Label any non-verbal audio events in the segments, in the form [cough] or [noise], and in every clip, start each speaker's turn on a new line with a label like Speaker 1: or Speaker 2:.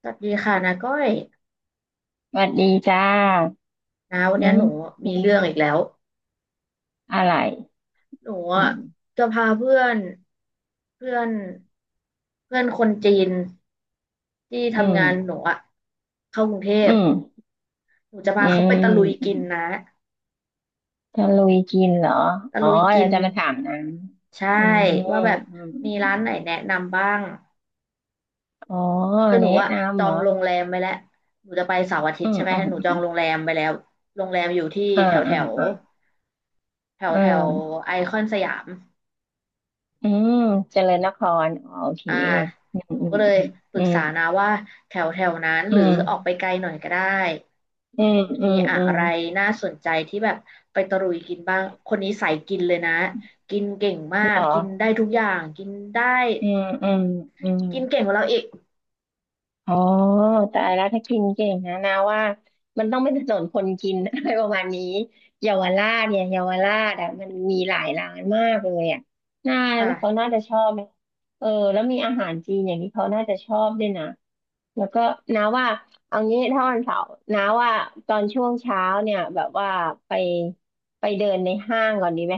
Speaker 1: สวัสดีค่ะนาก้อย
Speaker 2: สวัสดีจ้า
Speaker 1: นาวัน
Speaker 2: อื
Speaker 1: นี้
Speaker 2: ม
Speaker 1: หนู
Speaker 2: เป็
Speaker 1: มี
Speaker 2: นไง
Speaker 1: เรื่องอีกแล้ว
Speaker 2: อะไร
Speaker 1: หนู
Speaker 2: อืม
Speaker 1: จะพาเพื่อนเพื่อน เพื่อนคนจีนที่
Speaker 2: อืม
Speaker 1: ทำงานหนูเข้ากรุงเท
Speaker 2: อื
Speaker 1: พ
Speaker 2: ม
Speaker 1: หนูจะ
Speaker 2: อื
Speaker 1: พาเขา
Speaker 2: ม
Speaker 1: ไปตะลุย
Speaker 2: อื
Speaker 1: กิ
Speaker 2: ม
Speaker 1: นนะ
Speaker 2: จะลุยกินเหรอ
Speaker 1: ตะ
Speaker 2: อ๋อ
Speaker 1: ลุยกิ
Speaker 2: เรา
Speaker 1: น
Speaker 2: จะมาถามนะ
Speaker 1: ใช่
Speaker 2: อืม
Speaker 1: ว่าแบบ
Speaker 2: อืมอ
Speaker 1: มีร้านไหน
Speaker 2: ม
Speaker 1: แนะนำบ้าง
Speaker 2: อ๋อ
Speaker 1: คือหนู
Speaker 2: แนะ
Speaker 1: จ
Speaker 2: นำ
Speaker 1: อ
Speaker 2: เหร
Speaker 1: ง
Speaker 2: อ
Speaker 1: โรงแรมไปแล้วหนูจะไปเสาร์อาทิ
Speaker 2: อื
Speaker 1: ตย์
Speaker 2: ม
Speaker 1: ใช่ไหม
Speaker 2: อืม
Speaker 1: หนู
Speaker 2: อื
Speaker 1: จองโรง
Speaker 2: ม
Speaker 1: แรมไปแล้ว โรงแรมอยู่ที่
Speaker 2: อ่า
Speaker 1: แถวแถ
Speaker 2: อ่า
Speaker 1: ว
Speaker 2: อ่า
Speaker 1: แถว
Speaker 2: อื
Speaker 1: แถว
Speaker 2: ม
Speaker 1: ไอคอนสยาม
Speaker 2: อืมเจริญนคร อ๋อโอเค
Speaker 1: อ่า
Speaker 2: อืม
Speaker 1: หนู
Speaker 2: อื
Speaker 1: ก็เลย
Speaker 2: ม
Speaker 1: ปรึกษานะว่าแถวแถวนั้น
Speaker 2: อื
Speaker 1: หรือออกไป
Speaker 2: ม
Speaker 1: ไกลหน่อยก็ได้
Speaker 2: อืม
Speaker 1: มี
Speaker 2: อืม
Speaker 1: อะ
Speaker 2: อืม อืม
Speaker 1: ไร
Speaker 2: อืม
Speaker 1: น่าสนใจที่แบบไปตะลุยกินบ้างคนนี้สายกินเลยนะกินเก่งมา
Speaker 2: เห
Speaker 1: ก
Speaker 2: รอ
Speaker 1: กินได้ทุกอย่างกินได้
Speaker 2: อืมอืมอืม
Speaker 1: กินเก่งกว่าเราอีก
Speaker 2: อ๋อตายแล้วถ้ากินเก่งนะว่ามันต้องเป็นถนนคนกิน [laughs] อะไรประมาณนี้เยาวราชเนี่ยเยาวราชอ่ะมันมีหลายร้านมากเลยอ่ะน่าเขา
Speaker 1: ค่ะ
Speaker 2: น่าจะชอบไหมเออแล้วมีอาหารจีนอย่างที่เขาน่าจะชอบด้วยนะแล้วก็นาว่าเอางี้ถ้าวันเสาร์นาว่าตอนช่วงเช้าเนี่ยแบบว่าไปไปเดินในห้างก่อนดีไหม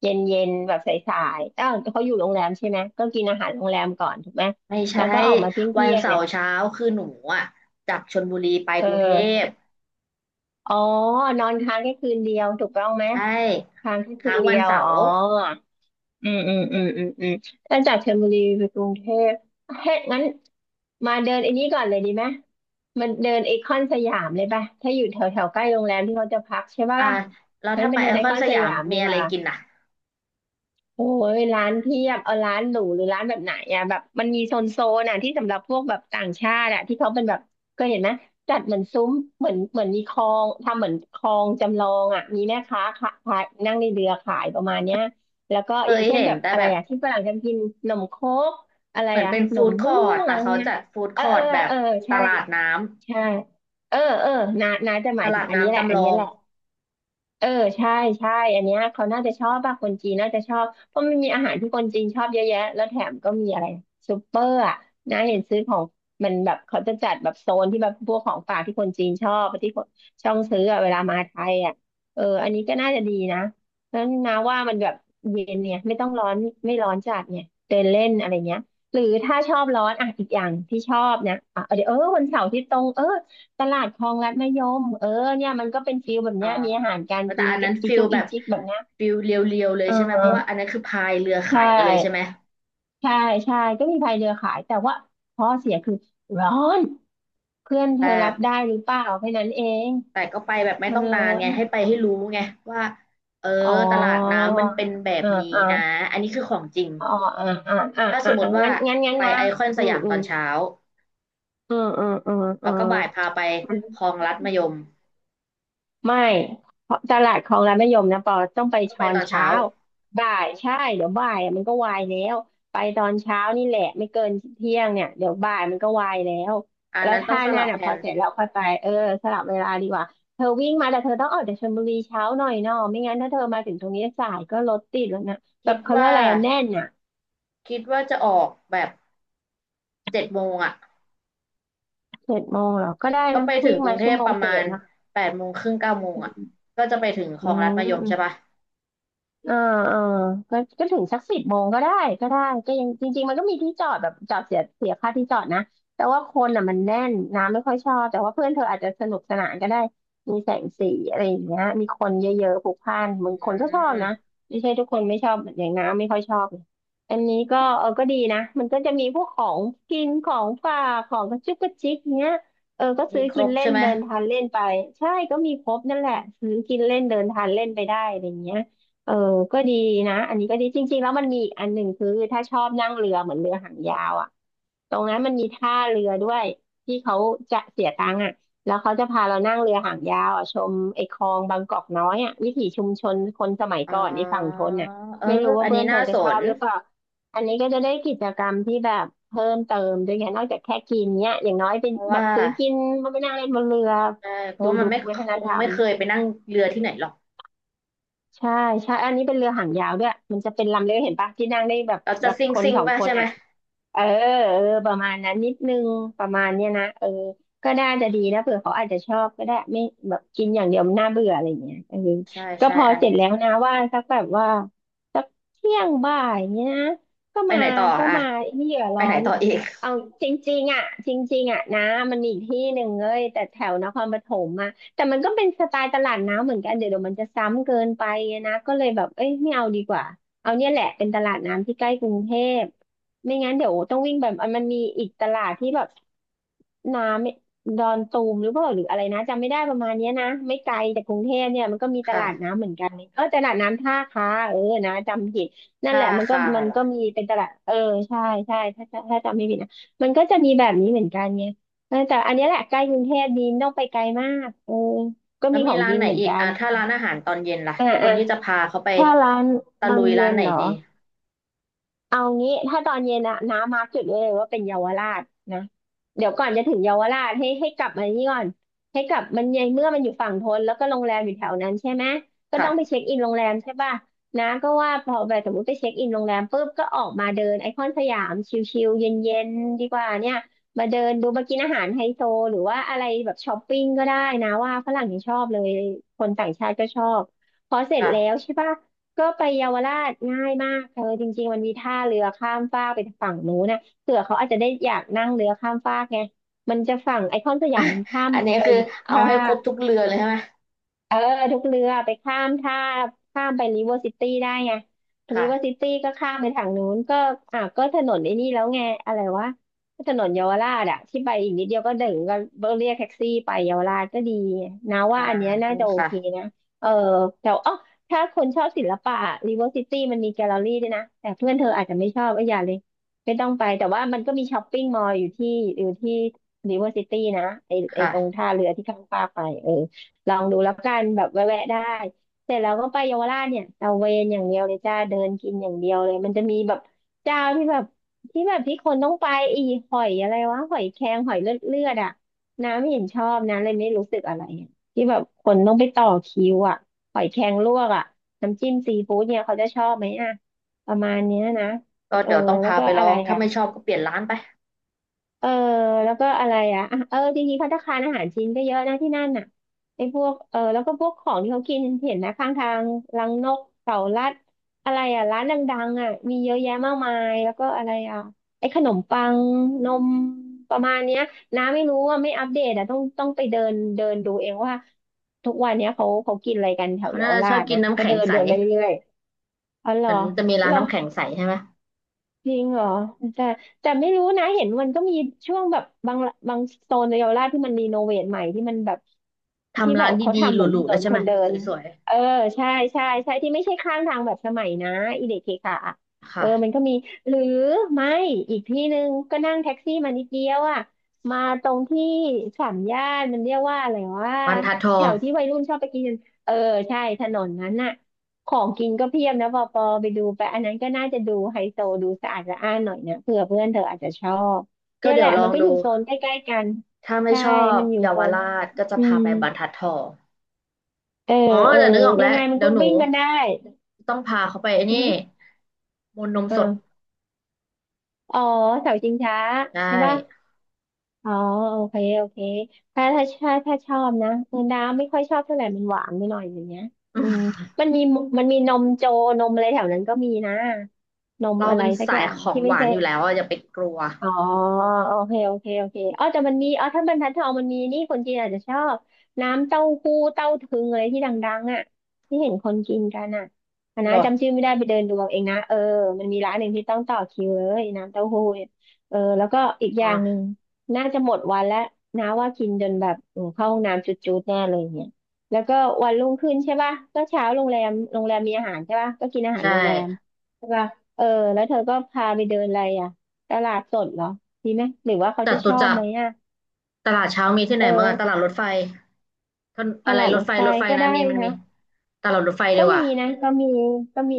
Speaker 2: เย็นเย็นแบบสายๆเอ้าเขาอยู่โรงแรมใช่ไหมก็กินอาหารโรงแรมก่อนถูกไหม
Speaker 1: ไม่ใช่
Speaker 2: แล้วก็ออกมาเที่ยง
Speaker 1: วั
Speaker 2: เที่
Speaker 1: น
Speaker 2: ยง
Speaker 1: เสา
Speaker 2: เนี่ย
Speaker 1: ร์เช้าคือหนูอ่ะจากชลบุรีไป
Speaker 2: เอ
Speaker 1: กรุงเทพ
Speaker 2: ออ๋อนอนค้างแค่คืนเดียวถูกต้องไหม
Speaker 1: ใช่
Speaker 2: ค้างแค่คื
Speaker 1: ค้า
Speaker 2: น
Speaker 1: ง
Speaker 2: เดี
Speaker 1: วัน
Speaker 2: ยว
Speaker 1: เสา
Speaker 2: อ๋อ
Speaker 1: ร์
Speaker 2: อืมอืมอืมอืมอืมแล้วจากชลบุรีไปกรุงเทพเฮ้ยงั้นมาเดินไอ้นี้ก่อนเลยดีไหมมันเดินไอคอนสยามเลยป่ะถ้าอยู่แถวแถวใกล้โรงแรมที่เขาจะพักใช่ป่ะ
Speaker 1: อ่า
Speaker 2: ล่ะ
Speaker 1: แล้ว
Speaker 2: งั้น
Speaker 1: ถ้า
Speaker 2: ไป
Speaker 1: ไป
Speaker 2: เดิ
Speaker 1: ไอ
Speaker 2: นไอ
Speaker 1: คอ
Speaker 2: ค
Speaker 1: น
Speaker 2: อน
Speaker 1: ส
Speaker 2: ส
Speaker 1: ยาม
Speaker 2: ยาม
Speaker 1: มี
Speaker 2: ดี
Speaker 1: อะ
Speaker 2: ก
Speaker 1: ไร
Speaker 2: ว่า
Speaker 1: กิน
Speaker 2: โอ้ยร้านเทียบเอาร้านหรูหรือร้านแบบไหนอ่ะแบบมันมีโซนโซนอ่ะที่สำหรับพวกแบบต่างชาติอ่ะที่เขาเป็นแบบเคยเห็นไหมจัดเหมือนซุ้มเหมือนมีคลองทำเหมือนคลองจำลองอ่ะมีแม่ค้าขายนั่งในเรือขายประมาณเนี้ยแล้วก็
Speaker 1: เค
Speaker 2: อย่า
Speaker 1: ย
Speaker 2: งเช่น
Speaker 1: เห็
Speaker 2: แบ
Speaker 1: น
Speaker 2: บ
Speaker 1: แต่
Speaker 2: อะ
Speaker 1: แบ
Speaker 2: ไร
Speaker 1: บ
Speaker 2: อ่ะที่ฝรั่งจะกินขนมโค้กอะไร
Speaker 1: เหมือน
Speaker 2: อ่ะ
Speaker 1: เป็น
Speaker 2: ขน
Speaker 1: ฟู้
Speaker 2: ม
Speaker 1: ดค
Speaker 2: เบื้
Speaker 1: อ
Speaker 2: อ
Speaker 1: ร์
Speaker 2: ง
Speaker 1: ท
Speaker 2: อะไร
Speaker 1: แต่
Speaker 2: พว
Speaker 1: เขา
Speaker 2: กเนี้ย
Speaker 1: จัดฟู้ด
Speaker 2: เอ
Speaker 1: ค
Speaker 2: อ
Speaker 1: อ
Speaker 2: เอ
Speaker 1: ร์
Speaker 2: อ
Speaker 1: ทแบบ
Speaker 2: เออ
Speaker 1: ต
Speaker 2: ใช่
Speaker 1: ลาดน้
Speaker 2: ใช่เออเออนานาจะห
Speaker 1: ำต
Speaker 2: มายถึ
Speaker 1: ลา
Speaker 2: ง
Speaker 1: ด
Speaker 2: อันนี้
Speaker 1: น้ำ
Speaker 2: แหละ
Speaker 1: จำ
Speaker 2: อั
Speaker 1: ล
Speaker 2: นนี้
Speaker 1: อง
Speaker 2: แหละ เออใช่ใช่อันเนี้ยเขาน่าจะชอบป่ะคนจีนน่าจะชอบเพราะมันมีอาหารที่คนจีนชอบเยอะแยะแล้วแถมก็มีอะไรซูเปอร์อ่ะนะเห็นซื้อของมันแบบเขาจะจัดแบบโซนที่แบบพวกของฝากที่คนจีนชอบที่คนช่องซื้ออะเวลามาไทยอ่ะเอออันนี้ก็น่าจะดีนะแล้วนะว่ามันแบบเย็นเนี่ยไม่ต้องร้อนไม่ร้อนจัดเนี่ยเดินเล่นอะไรเงี้ยหรือถ้าชอบร้อนอ่ะอีกอย่างที่ชอบนะอ่ะเดี๋ยวเออวันเสาร์ที่ตรงเออ ตลาดคลองลัดมะยมเออเนี่ยมันก็เป็นฟิลแบบ
Speaker 1: อ่า
Speaker 2: เนี้ยมีอาหารการ
Speaker 1: แต่
Speaker 2: กิน
Speaker 1: อัน
Speaker 2: ก
Speaker 1: นั้น
Speaker 2: จิ
Speaker 1: ฟิล
Speaker 2: จุก
Speaker 1: แบ
Speaker 2: อี
Speaker 1: บ
Speaker 2: จิกแบบเนี้ย
Speaker 1: ฟิลเรียวๆเลยใช่ไหม
Speaker 2: เออ
Speaker 1: เพราะว่าอันนั้นคือพายเรือ
Speaker 2: ใช
Speaker 1: ขายกันเลยใช่ไหม
Speaker 2: ่ใช่ใช่ก็มีพายเรือขายแต่ว่าข้อเสียคือร้อน เพื่อนเธ
Speaker 1: แต่
Speaker 2: อรับได้หรือเปล่าแค่นั้นเอง
Speaker 1: แต่ก็ไปแบบไม่
Speaker 2: มั
Speaker 1: ต้
Speaker 2: น
Speaker 1: อง
Speaker 2: ร้
Speaker 1: นา
Speaker 2: อ
Speaker 1: นไง
Speaker 2: นอะ
Speaker 1: ให้ไปให้รู้ไงว่าเออ
Speaker 2: อ๋อ
Speaker 1: ตลาดน้ำมันเป็นแบบ
Speaker 2: อ่า
Speaker 1: นี้
Speaker 2: อ่า
Speaker 1: นะอันนี้คือของจริง
Speaker 2: อ๋ออ่าอ่าอ่า
Speaker 1: ถ้าสมม
Speaker 2: อ่า
Speaker 1: ติว่า
Speaker 2: งั้น งั้น
Speaker 1: ไป
Speaker 2: นะ
Speaker 1: ไอคอนส
Speaker 2: อืม
Speaker 1: ยาม
Speaker 2: อื
Speaker 1: ตอ
Speaker 2: ม
Speaker 1: นเช้า
Speaker 2: อืมอืมอืมอื
Speaker 1: แล้วก็บ่ายพาไป
Speaker 2: ม
Speaker 1: คลองลัดมะยม
Speaker 2: ไม่เพราะตลาดคลองรัฐมะยมนะปอต้องไป
Speaker 1: ต้องไป
Speaker 2: ช้อ
Speaker 1: ต
Speaker 2: น
Speaker 1: อน
Speaker 2: เช้า
Speaker 1: เช้า
Speaker 2: บ่ายใช่เดี๋ยวบ่ายอะมันก็วายแล้วไปตอนเช้านี่แหละไม่เกินเที่ยงเนี่ยเดี๋ยวบ่ายมันก็วายแล้ว
Speaker 1: อัน
Speaker 2: แล้ว
Speaker 1: นั้นต้อง
Speaker 2: ท่า
Speaker 1: ส
Speaker 2: หน้า
Speaker 1: ลับแผ
Speaker 2: น่ะพอ
Speaker 1: น
Speaker 2: เสร็จแล้วค่อยไปเออสลับเวลาดีกว่าเธอวิ่งมาแต่เธอต้องออกจากชลบุรีเช้าหน่อยเนาะไม่งั้นถ้าเธอมาถึงตรงนี้สายก็รถติดแล้วนะแบ
Speaker 1: คิ
Speaker 2: บ
Speaker 1: ด
Speaker 2: เขาเรียก
Speaker 1: ว่า
Speaker 2: อะไรอะแน่นอ่ะ
Speaker 1: คิดว่าจะออกแบบเจ็ดโมง
Speaker 2: เจ็ดโมงเหรอก็ได้
Speaker 1: ก็
Speaker 2: นะ
Speaker 1: ไปถึ
Speaker 2: วิ่
Speaker 1: ง
Speaker 2: ง
Speaker 1: กรุ
Speaker 2: มา
Speaker 1: งเท
Speaker 2: ชั่ว
Speaker 1: พ
Speaker 2: โม
Speaker 1: ป
Speaker 2: ง
Speaker 1: ระ
Speaker 2: เศ
Speaker 1: มาณ
Speaker 2: ษนะ
Speaker 1: แปดโมงครึ่งเก้าโมง
Speaker 2: อืม
Speaker 1: ก็จะไปถึงคล
Speaker 2: อื
Speaker 1: องลัดมะยม
Speaker 2: ม
Speaker 1: ใช่ปะ
Speaker 2: เออเออก็ถึงสักสิบโมงก็ได้ก็ได้ก็ยังจริงๆมันก็มีที่จอดแบบจอดเสียค่าที่จอดนะแต่ว่าคนอ่ะมันแน่นน้ำไม่ค่อยชอบแต่ว่าเพื่อนเธออาจจะสนุกสนานก็ได้มีแสงสีอะไรอย่างเงี้ยมีคนเยอะๆพลุกพล่าน
Speaker 1: อืม
Speaker 2: บางคนก็ชอบนะไม่ใช่ทุกคนไม่ชอบอย่างน้ำไม่ค่อยชอบเลยอันนี้ก็เออก็ดีนะมันก็จะมีพวกของกินของฝากของกระจุกกระจิกเงี้ยเออก็
Speaker 1: มี
Speaker 2: ซื้อ
Speaker 1: คร
Speaker 2: กิน
Speaker 1: บ
Speaker 2: เล่
Speaker 1: ใช่
Speaker 2: น
Speaker 1: ไหม
Speaker 2: เดินทานเล่นไปใช่ก็มีครบนั่นแหละซื้อกินเล่นเดินทานเล่นไปได้อะไรอย่างเงี้ย เออก็ดีนะอันนี้ก็ดีจริงๆแล้วมันมีอีกอันหนึ่งคือถ้าชอบนั่งเรือเหมือนเรือหางยาวอ่ะตรงนั้นมันมีท่าเรือด้วยที่เขาจะเสียตังค์อ่ะแล้วเขาจะพาเรานั่งเรือหางยาวอ่ะชมไอ้คลองบางกอกน้อยอ่ะวิถีชุมชนคนสมัย
Speaker 1: อ๋
Speaker 2: ก่อนไอ้ฝั่งท
Speaker 1: อ
Speaker 2: นน่ะ
Speaker 1: เออ
Speaker 2: ไม่รู้ว่า
Speaker 1: อัน
Speaker 2: เพื่
Speaker 1: นี้
Speaker 2: อนเธ
Speaker 1: น่า
Speaker 2: อจะ
Speaker 1: ส
Speaker 2: ชอ
Speaker 1: น
Speaker 2: บหรือเปล่าอันนี้ก็จะได้กิจกรรมที่แบบเพิ่มเติมด้วยไงนอกจากแค่กินเนี้ยอย่างน้อยเป็น
Speaker 1: เพราะ
Speaker 2: แบ
Speaker 1: ว่า
Speaker 2: บซื้อกินมาไปนั่งเล่นบนเรือ
Speaker 1: ใช่เพราะ
Speaker 2: ดู
Speaker 1: ว่ามั
Speaker 2: ดู
Speaker 1: นไม่ค
Speaker 2: วัฒน
Speaker 1: ง
Speaker 2: ธรร
Speaker 1: ไม่
Speaker 2: ม
Speaker 1: เคยไปนั่งเรือที่ไหนหรอก
Speaker 2: ใช่ใช่อันนี้เป็นเรือหางยาวด้วยมันจะเป็นลำเล็กเห็นปะที่นั่งได้แบบ
Speaker 1: เรา
Speaker 2: แบ
Speaker 1: จะ
Speaker 2: บ
Speaker 1: ซิ่ง
Speaker 2: คน
Speaker 1: ซิ่ง
Speaker 2: สอง
Speaker 1: ป่ะ
Speaker 2: คน
Speaker 1: ใช่ไหม
Speaker 2: อ่ะเออเออประมาณนั้นนิดนึงประมาณเนี้ยนะเออก็น่าจะดีนะเผื่อเขาอาจจะชอบก็ได้ไม่แบบกินอย่างเดียวมันน่าเบื่ออะไรเงี้ยเออ
Speaker 1: ใช่
Speaker 2: ก็
Speaker 1: ใช่
Speaker 2: พอ
Speaker 1: อัน
Speaker 2: เส
Speaker 1: นี้
Speaker 2: ร็จแล้วนะว่าสักแบบว่าสักเที่ยงบ่ายเนี้ยนะก็
Speaker 1: ไป
Speaker 2: มา
Speaker 1: ไหนต่อ
Speaker 2: ก็มาไม่เหลือ
Speaker 1: ไป
Speaker 2: ร้อ
Speaker 1: ไหน
Speaker 2: น
Speaker 1: ต่ออีก
Speaker 2: เอาจริงๆอ่ะจริงๆอ่ะนะมันมีอีกที่หนึ่งเลยแต่แถวนครปฐมอ่ะ แต่มันก็เป็นสไตล์ตลาดน้ำเหมือนกันเดี๋ยวมันจะซ้ำเกินไปอะนะก็เลยแบบเอ้ยไม่เอาดีกว่าเอาเนี่ยแหละเป็นตลาดน้ำที่ใกล้กรุงเทพไม่งั้นเดี๋ยวต้องวิ่งแบบมันมีอีกตลาดที่แบบน้ำดอนตูมหรือเปล่าหรืออะไรนะจำไม่ได้ประมาณเนี้ยนะไม่ไกลจากกรุงเทพเนี่ยมันก็มีตลาด
Speaker 1: ค่ะ
Speaker 2: น้ำเหมือนกันเออตลาดน้ำท่าค้าเออนะจำผิดนั่นแห
Speaker 1: ท่า
Speaker 2: ละมันก็
Speaker 1: คา
Speaker 2: มัน
Speaker 1: เหรอ
Speaker 2: ก็มีเป็นตลาดเออใช่ใช่ถ้าจำไม่ผิดนะมันก็จะมีแบบนี้เหมือนกันไง เออแต่อันเนี้ยแหละใกล้กรุงเทพดีไม่ต้องไปไกลมากเออก็
Speaker 1: แล้ว
Speaker 2: มีข
Speaker 1: มี
Speaker 2: อง
Speaker 1: ร้าน
Speaker 2: กิน
Speaker 1: ไหน
Speaker 2: เหมือน
Speaker 1: อีก
Speaker 2: กัน
Speaker 1: ถ้าร้านอาหารตอนเย็นล่ะ
Speaker 2: อ่ะ
Speaker 1: ควร
Speaker 2: อ่ะ
Speaker 1: ที่จะพาเขาไป
Speaker 2: ถ้าร้าน
Speaker 1: ตะ
Speaker 2: ตอ
Speaker 1: ลุ
Speaker 2: น
Speaker 1: ย
Speaker 2: เย็
Speaker 1: ร้าน
Speaker 2: น
Speaker 1: ไหน
Speaker 2: เหรอ
Speaker 1: ดี
Speaker 2: เอางี้ถ้าตอนเย็นอะน้ามาร์กจุดไว้เลยว่าเป็นเยาวราชนะเดี๋ยวก่อนจะถึงเยาวราชให้กลับมานี่ก่อนให้กลับมันในเมื่อมันอยู่ฝั่งทนแล้วก็โรงแรมอยู่แถวนั้นใช่ไหมก็ต้องไปเช็
Speaker 1: ค่ะ
Speaker 2: คอินโรงแรมใช่ป่ะน้าก็ว่าพอแบบสมมติไปเช็คอินโรงแรมปุ๊บก็ออกมาเดินไอคอนสยามชิลๆเย็นๆดีกว่าเนี่ยมาเดินดูมากินอาหารไฮโซหรือว่าอะไรแบบช้อปปิ้งก็ได้นะว่าฝรั่งยังชอบเลยคนต่างชาติก็ชอบพอเสร็จแล้ว
Speaker 1: ค่ะ
Speaker 2: ใช่ป่ะ ก็ไปเยาวราชง่ายมากเธอจริงๆมันมีท่าเรือข้ามฟากไปฝั่งนู้นนะเผื่อเขาอาจจะได้อยากนั่งเรือข้ามฟากไงมันจะฝั่งไอคอนส
Speaker 1: [laughs]
Speaker 2: ยา
Speaker 1: อ่ะ
Speaker 2: มมันข้าม
Speaker 1: อันนี้
Speaker 2: ไป
Speaker 1: คือเอา
Speaker 2: ท่า
Speaker 1: ให้ครบทุกเรือเลยใช่ไหม
Speaker 2: เออทุกเรือไปข้ามท่าข้ามไปริเวอร์ซิตี้ได้ไงริเวอร์ซิ
Speaker 1: ค่ะ
Speaker 2: ตี้ก็ข้ามไปทางนู้นก็อ่ะก็ถนนไอ้นี่แล้วไงอะไรวะถนนเยาวราชอะที่ไปอีกนิดเดียวก็ถึงก็เรียกแท็กซี่ไปเยาวราชก็ดีนะว่า
Speaker 1: อ่า
Speaker 2: อันเนี้ยน่าจะโอเค
Speaker 1: ค่ะ
Speaker 2: นะเออแต่อ๋อถ้าคนชอบศิลปะริเวอร์ซิตี้มันมีแกลเลอรี่ด้วยนะแต่เพื่อนเธออาจจะไม่ชอบก็อย่าเลยไม่ต้องไปแต่ว่ามันก็มีช้อปปิ้งมอลล์อยู่ที่ริเวอร์ซิตี้นะไอตรง
Speaker 1: ค่ะ
Speaker 2: ท่าเรือที่ข้ามฟากไปเออ ลองดูแล้วกันแบบแวะๆได้เสร็จแล้วก็ไปเยาวราชเนี่ยตะเวนอย่างเดียวเลยจ้าเดินกินอย่างเดียวเลยมันจะมีแบบเจ้าที่แบบที่คนต้องไปอีหอยอะไรวะหอยแครงหอยเลือดเลือดอะน้ำเห็นชอบนะเลยไม่รู้สึกอะไรอะที่แบบคนต้องไปต่อคิวอะหอยแครงลวกอะน้ำจิ้มซีฟู้ดเนี่ยเขาจะชอบไหมอะประมาณเนี้ยนะ
Speaker 1: ก็
Speaker 2: เออ
Speaker 1: เดี๋ยวต้อง
Speaker 2: แล้ว
Speaker 1: พา
Speaker 2: ก็
Speaker 1: ไปล
Speaker 2: อะ
Speaker 1: อ
Speaker 2: ไร
Speaker 1: งถ้า
Speaker 2: อ่ะ
Speaker 1: ไม่ชอบก็เปลี่ยนร้านไป
Speaker 2: เออแล้วก็อะไรอ่ะอ่ะเออจริงๆภัตตาคารอาหารจีนก็เยอะนะที่นั่นน่ะไอ้พวกเออแล้วก็พวกของที่เขากินเห็นนะข้างทางรังนกเต่าลัดอะไรอ่ะร้านดังๆอ่ะมีเยอะแยะมากมายแล้วก็อะไรอ่ะไอ้ขนมปังนมประมาณเนี้ยน้าไม่รู้ว่าไม่อัปเดตอ่ะต้องไปเดินเดินดูเองว่าทุกวันเนี้ยเขากินอะไรกันแถว
Speaker 1: เขา
Speaker 2: เยา
Speaker 1: น่า
Speaker 2: ว
Speaker 1: จะช
Speaker 2: รา
Speaker 1: อบ
Speaker 2: ช
Speaker 1: กิน
Speaker 2: นะ
Speaker 1: น้ำ
Speaker 2: ก็
Speaker 1: แข็
Speaker 2: เดิ
Speaker 1: ง
Speaker 2: น
Speaker 1: ใส
Speaker 2: เดินไปเรื่อยๆอ๋อเหร
Speaker 1: เหมื
Speaker 2: อ
Speaker 1: อนจะมีร้า
Speaker 2: เห
Speaker 1: น
Speaker 2: รอ
Speaker 1: น้ำแข็งใสใช่ไหม
Speaker 2: จริงเหรอแต่แต่ไม่รู้นะเห็นมันก็มีช่วงแบบบางโซนในเยาวราชที่มันรีโนเวทใหม่ที่มันแบบที่
Speaker 1: ทำ
Speaker 2: แบ
Speaker 1: ร้า
Speaker 2: บ
Speaker 1: นด
Speaker 2: เขา
Speaker 1: ีๆ
Speaker 2: ทำ
Speaker 1: ห
Speaker 2: เหมือนถ
Speaker 1: รูๆ
Speaker 2: น
Speaker 1: แล้ว
Speaker 2: น
Speaker 1: ใช่
Speaker 2: ค
Speaker 1: ไหม
Speaker 2: นเดิน
Speaker 1: สวย
Speaker 2: เออใช่ใช่ที่ไม่ใช่ข้างทางแบบสมัยนะอีเด็กเคค่ะอะ
Speaker 1: ๆ
Speaker 2: เอ
Speaker 1: ค่ะ
Speaker 2: อมันก็มีหรือไม่อีกที่หนึ่งก็นั่งแท็กซี่มานิดเดียวอ่ะมาตรงที่สามย่านมันเรียกว่าอะไรว่า
Speaker 1: บรรทัดทอ
Speaker 2: แถ
Speaker 1: ง
Speaker 2: วที่วัยรุ่นชอบไปกินเออใช่ถนนนั้นน่ะ ของกินก็เพียบนะปอปอไปดูไปอันนั้นก็น่าจะดูไฮโซดูสะอาดสะอ้านหน่อยนะเผื่อเพื่อนเธออาจจะชอบ
Speaker 1: ก็
Speaker 2: เนี่ยแห
Speaker 1: เดี๋ยว
Speaker 2: ละ
Speaker 1: ลอ
Speaker 2: มั
Speaker 1: ง
Speaker 2: นก็อ
Speaker 1: ดู
Speaker 2: ยู่โซนใกล้ๆกัน
Speaker 1: ถ้าไม่
Speaker 2: ใช่
Speaker 1: ชอบ
Speaker 2: มันอยู่
Speaker 1: เยา
Speaker 2: โซ
Speaker 1: ว
Speaker 2: น
Speaker 1: ราชก็จะ
Speaker 2: อื
Speaker 1: พา
Speaker 2: ม
Speaker 1: ไปบรรทัดทอง
Speaker 2: เออ
Speaker 1: อ๋อ
Speaker 2: เออ
Speaker 1: แต่นึกออก
Speaker 2: ยั
Speaker 1: แล้ว
Speaker 2: งไงมัน
Speaker 1: เดี๋ย
Speaker 2: ก็
Speaker 1: วหนู
Speaker 2: วิ่งกันได้
Speaker 1: ต้องพาเขาไปไอ้
Speaker 2: อื
Speaker 1: นี่
Speaker 2: ม
Speaker 1: มูลนมสด
Speaker 2: อ่าอ๋อเสาชิงช้า
Speaker 1: ได้
Speaker 2: ใช่ป่ะอ๋อโอเคโอเคถ้าชอบนะเออน้ำไม่ค่อยชอบเท่าไหร่มันหวานไปหน่อยอย่างเงี้ยอืม
Speaker 1: [laughs]
Speaker 2: มันมีมันมีนมโจนมอะไรแถวนั้นก็มีนะนม
Speaker 1: เรา
Speaker 2: อะไร
Speaker 1: เป็น
Speaker 2: สักอ
Speaker 1: สาย
Speaker 2: ย่าง
Speaker 1: ของ
Speaker 2: ที่
Speaker 1: ห
Speaker 2: ไม่
Speaker 1: วาน
Speaker 2: ใช่
Speaker 1: อยู่แล้วอะอย่าไปกลัว
Speaker 2: อ๋อโอเคอ๋อแต่มันมีอ๋อถ้าบรรทัดทองมันมีนี่คนจีนอาจจะชอบน้ำเต้าหู้เต้าถึงอะไรที่ดังๆอ่ะที่เห็นคนกินกันอ่ะอัน
Speaker 1: เหร
Speaker 2: นะจำ
Speaker 1: อ
Speaker 2: ชื่อไม่ได้ไปเดินดูเอาเองนะเออมันมีร้านหนึ่งที่ต้องต่อคิวเลยน้ำเต้าหู้เนี่ยเออแล้วก็อีกอ
Speaker 1: อ๋
Speaker 2: ย่า
Speaker 1: อ
Speaker 2: งหนึ่งน่าจะหมดวันแล้วนะว่ากินจนแบบโอมเข้าห้องน้ำจุดๆแน่เลยเนี่ยแล้วก็วันรุ่งขึ้นใช่ป่ะก็เช้าโรงแรมมีอาหารใช่ป่ะก็กินอาหาร
Speaker 1: ใช่
Speaker 2: โรงแรมใช่ป่ะเออแล้วเธอก็พาไปเดินอะไรอ่ะ ตลาดสดเหรอดีไหมหรือว่าเขา
Speaker 1: จ
Speaker 2: จะช
Speaker 1: ตุ
Speaker 2: อบ
Speaker 1: จัก
Speaker 2: ไหม
Speaker 1: ร
Speaker 2: อ่ะ
Speaker 1: ตลาดเช้ามีที่ไห
Speaker 2: เอ
Speaker 1: นบ้างอะตลา
Speaker 2: อ
Speaker 1: ดรถไฟท่าน
Speaker 2: ต
Speaker 1: อะไร
Speaker 2: ลาด
Speaker 1: ร
Speaker 2: ร
Speaker 1: ถ
Speaker 2: ถ
Speaker 1: ไฟ
Speaker 2: ไฟ
Speaker 1: รถไฟ
Speaker 2: ก็
Speaker 1: นะ
Speaker 2: ได้
Speaker 1: มีมันมี
Speaker 2: นะ
Speaker 1: ตลาดรถไฟดี
Speaker 2: ก็
Speaker 1: ก
Speaker 2: มี
Speaker 1: ว่า
Speaker 2: นะก็มีก็มี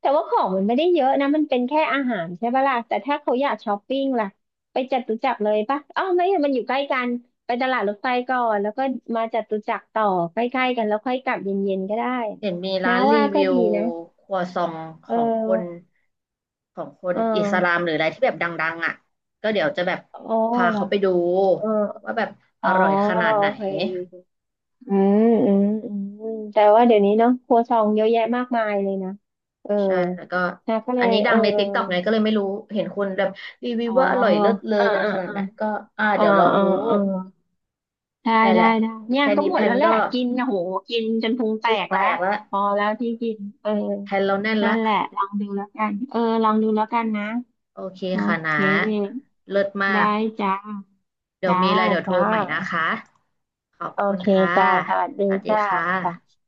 Speaker 2: แต่ว่าของมันไม่ได้เยอะนะมันเป็นแค่อาหารใช่ปะล่ะแต่ถ้าเขาอยากช้อปปิ้งล่ะไปจตุจักรเลยปะอ้าวไม่อะมันอยู่ใกล้กันไปตลาดรถไฟก่อนแล้วก็มาจตุจักรต่อใกล้ๆกันแล้วค่อยกลับเย็นๆก็ได้
Speaker 1: เห็นมี
Speaker 2: นะ
Speaker 1: ร้านรี
Speaker 2: ว่า
Speaker 1: วิ
Speaker 2: ก็
Speaker 1: ว
Speaker 2: ดีนะ
Speaker 1: ครัวซองข
Speaker 2: เอ
Speaker 1: องคน
Speaker 2: อ
Speaker 1: ของคน
Speaker 2: เออ
Speaker 1: อิสลามหรืออะไรที่แบบดังๆก็เดี๋ยวจะแบบ
Speaker 2: อ๋อ
Speaker 1: พา
Speaker 2: เหรอ
Speaker 1: เขาไปดู
Speaker 2: เออ
Speaker 1: ว่าแบบอ
Speaker 2: อ๋อ
Speaker 1: ร่อยขนาดไหน
Speaker 2: โอเค อืมอืมอืมแต่ว่าเดี๋ยวนี้เนาะครัวซองเยอะแยะมากมายเลยนะเออ
Speaker 1: ใช่แล้วก็
Speaker 2: นะก็เล
Speaker 1: อัน
Speaker 2: ย
Speaker 1: นี้ดั
Speaker 2: เอ
Speaker 1: ง
Speaker 2: อ
Speaker 1: ใน TikTok ไงก็เลยไม่รู้ เห็นคนแบบรีวิว
Speaker 2: อ๋อ
Speaker 1: ว่าอร่อยเลิศเลอ
Speaker 2: อ่า
Speaker 1: กัน
Speaker 2: อ่า
Speaker 1: ขนาด
Speaker 2: อ่า
Speaker 1: ไหนก็
Speaker 2: อ่า
Speaker 1: เดี๋ยวลอง
Speaker 2: อ่า
Speaker 1: ดู
Speaker 2: อ่าได้
Speaker 1: เนี่ยแห
Speaker 2: ได้
Speaker 1: ละ
Speaker 2: ได้เนี่ย
Speaker 1: แค่
Speaker 2: ก็
Speaker 1: นี้
Speaker 2: หม
Speaker 1: แพ
Speaker 2: ด
Speaker 1: น
Speaker 2: แล้วแหละ
Speaker 1: ก็
Speaker 2: กินนะโหกินจนพุงแต
Speaker 1: พุง
Speaker 2: ก
Speaker 1: แต
Speaker 2: แล้ว
Speaker 1: กละ
Speaker 2: พอแล้วที่กินเออ
Speaker 1: แพนเราแน่น
Speaker 2: นั่
Speaker 1: ละ
Speaker 2: นแหละลองดูแล้วกันเออลองดูแล้วกันนะ
Speaker 1: โอเค
Speaker 2: โอ
Speaker 1: ค่ะ
Speaker 2: เค
Speaker 1: นะเลิศมาก
Speaker 2: ได้จ้า
Speaker 1: เดี๋ยว
Speaker 2: จ้า
Speaker 1: มีอะไรเดี๋ยวโทร
Speaker 2: จ้า
Speaker 1: ใหม่นะคะ ขอบ
Speaker 2: โอ
Speaker 1: คุณ
Speaker 2: เค
Speaker 1: ค่ะ
Speaker 2: จ้าสวัสดี
Speaker 1: สวัสดี
Speaker 2: จ้า
Speaker 1: ค่
Speaker 2: จ้า
Speaker 1: ะ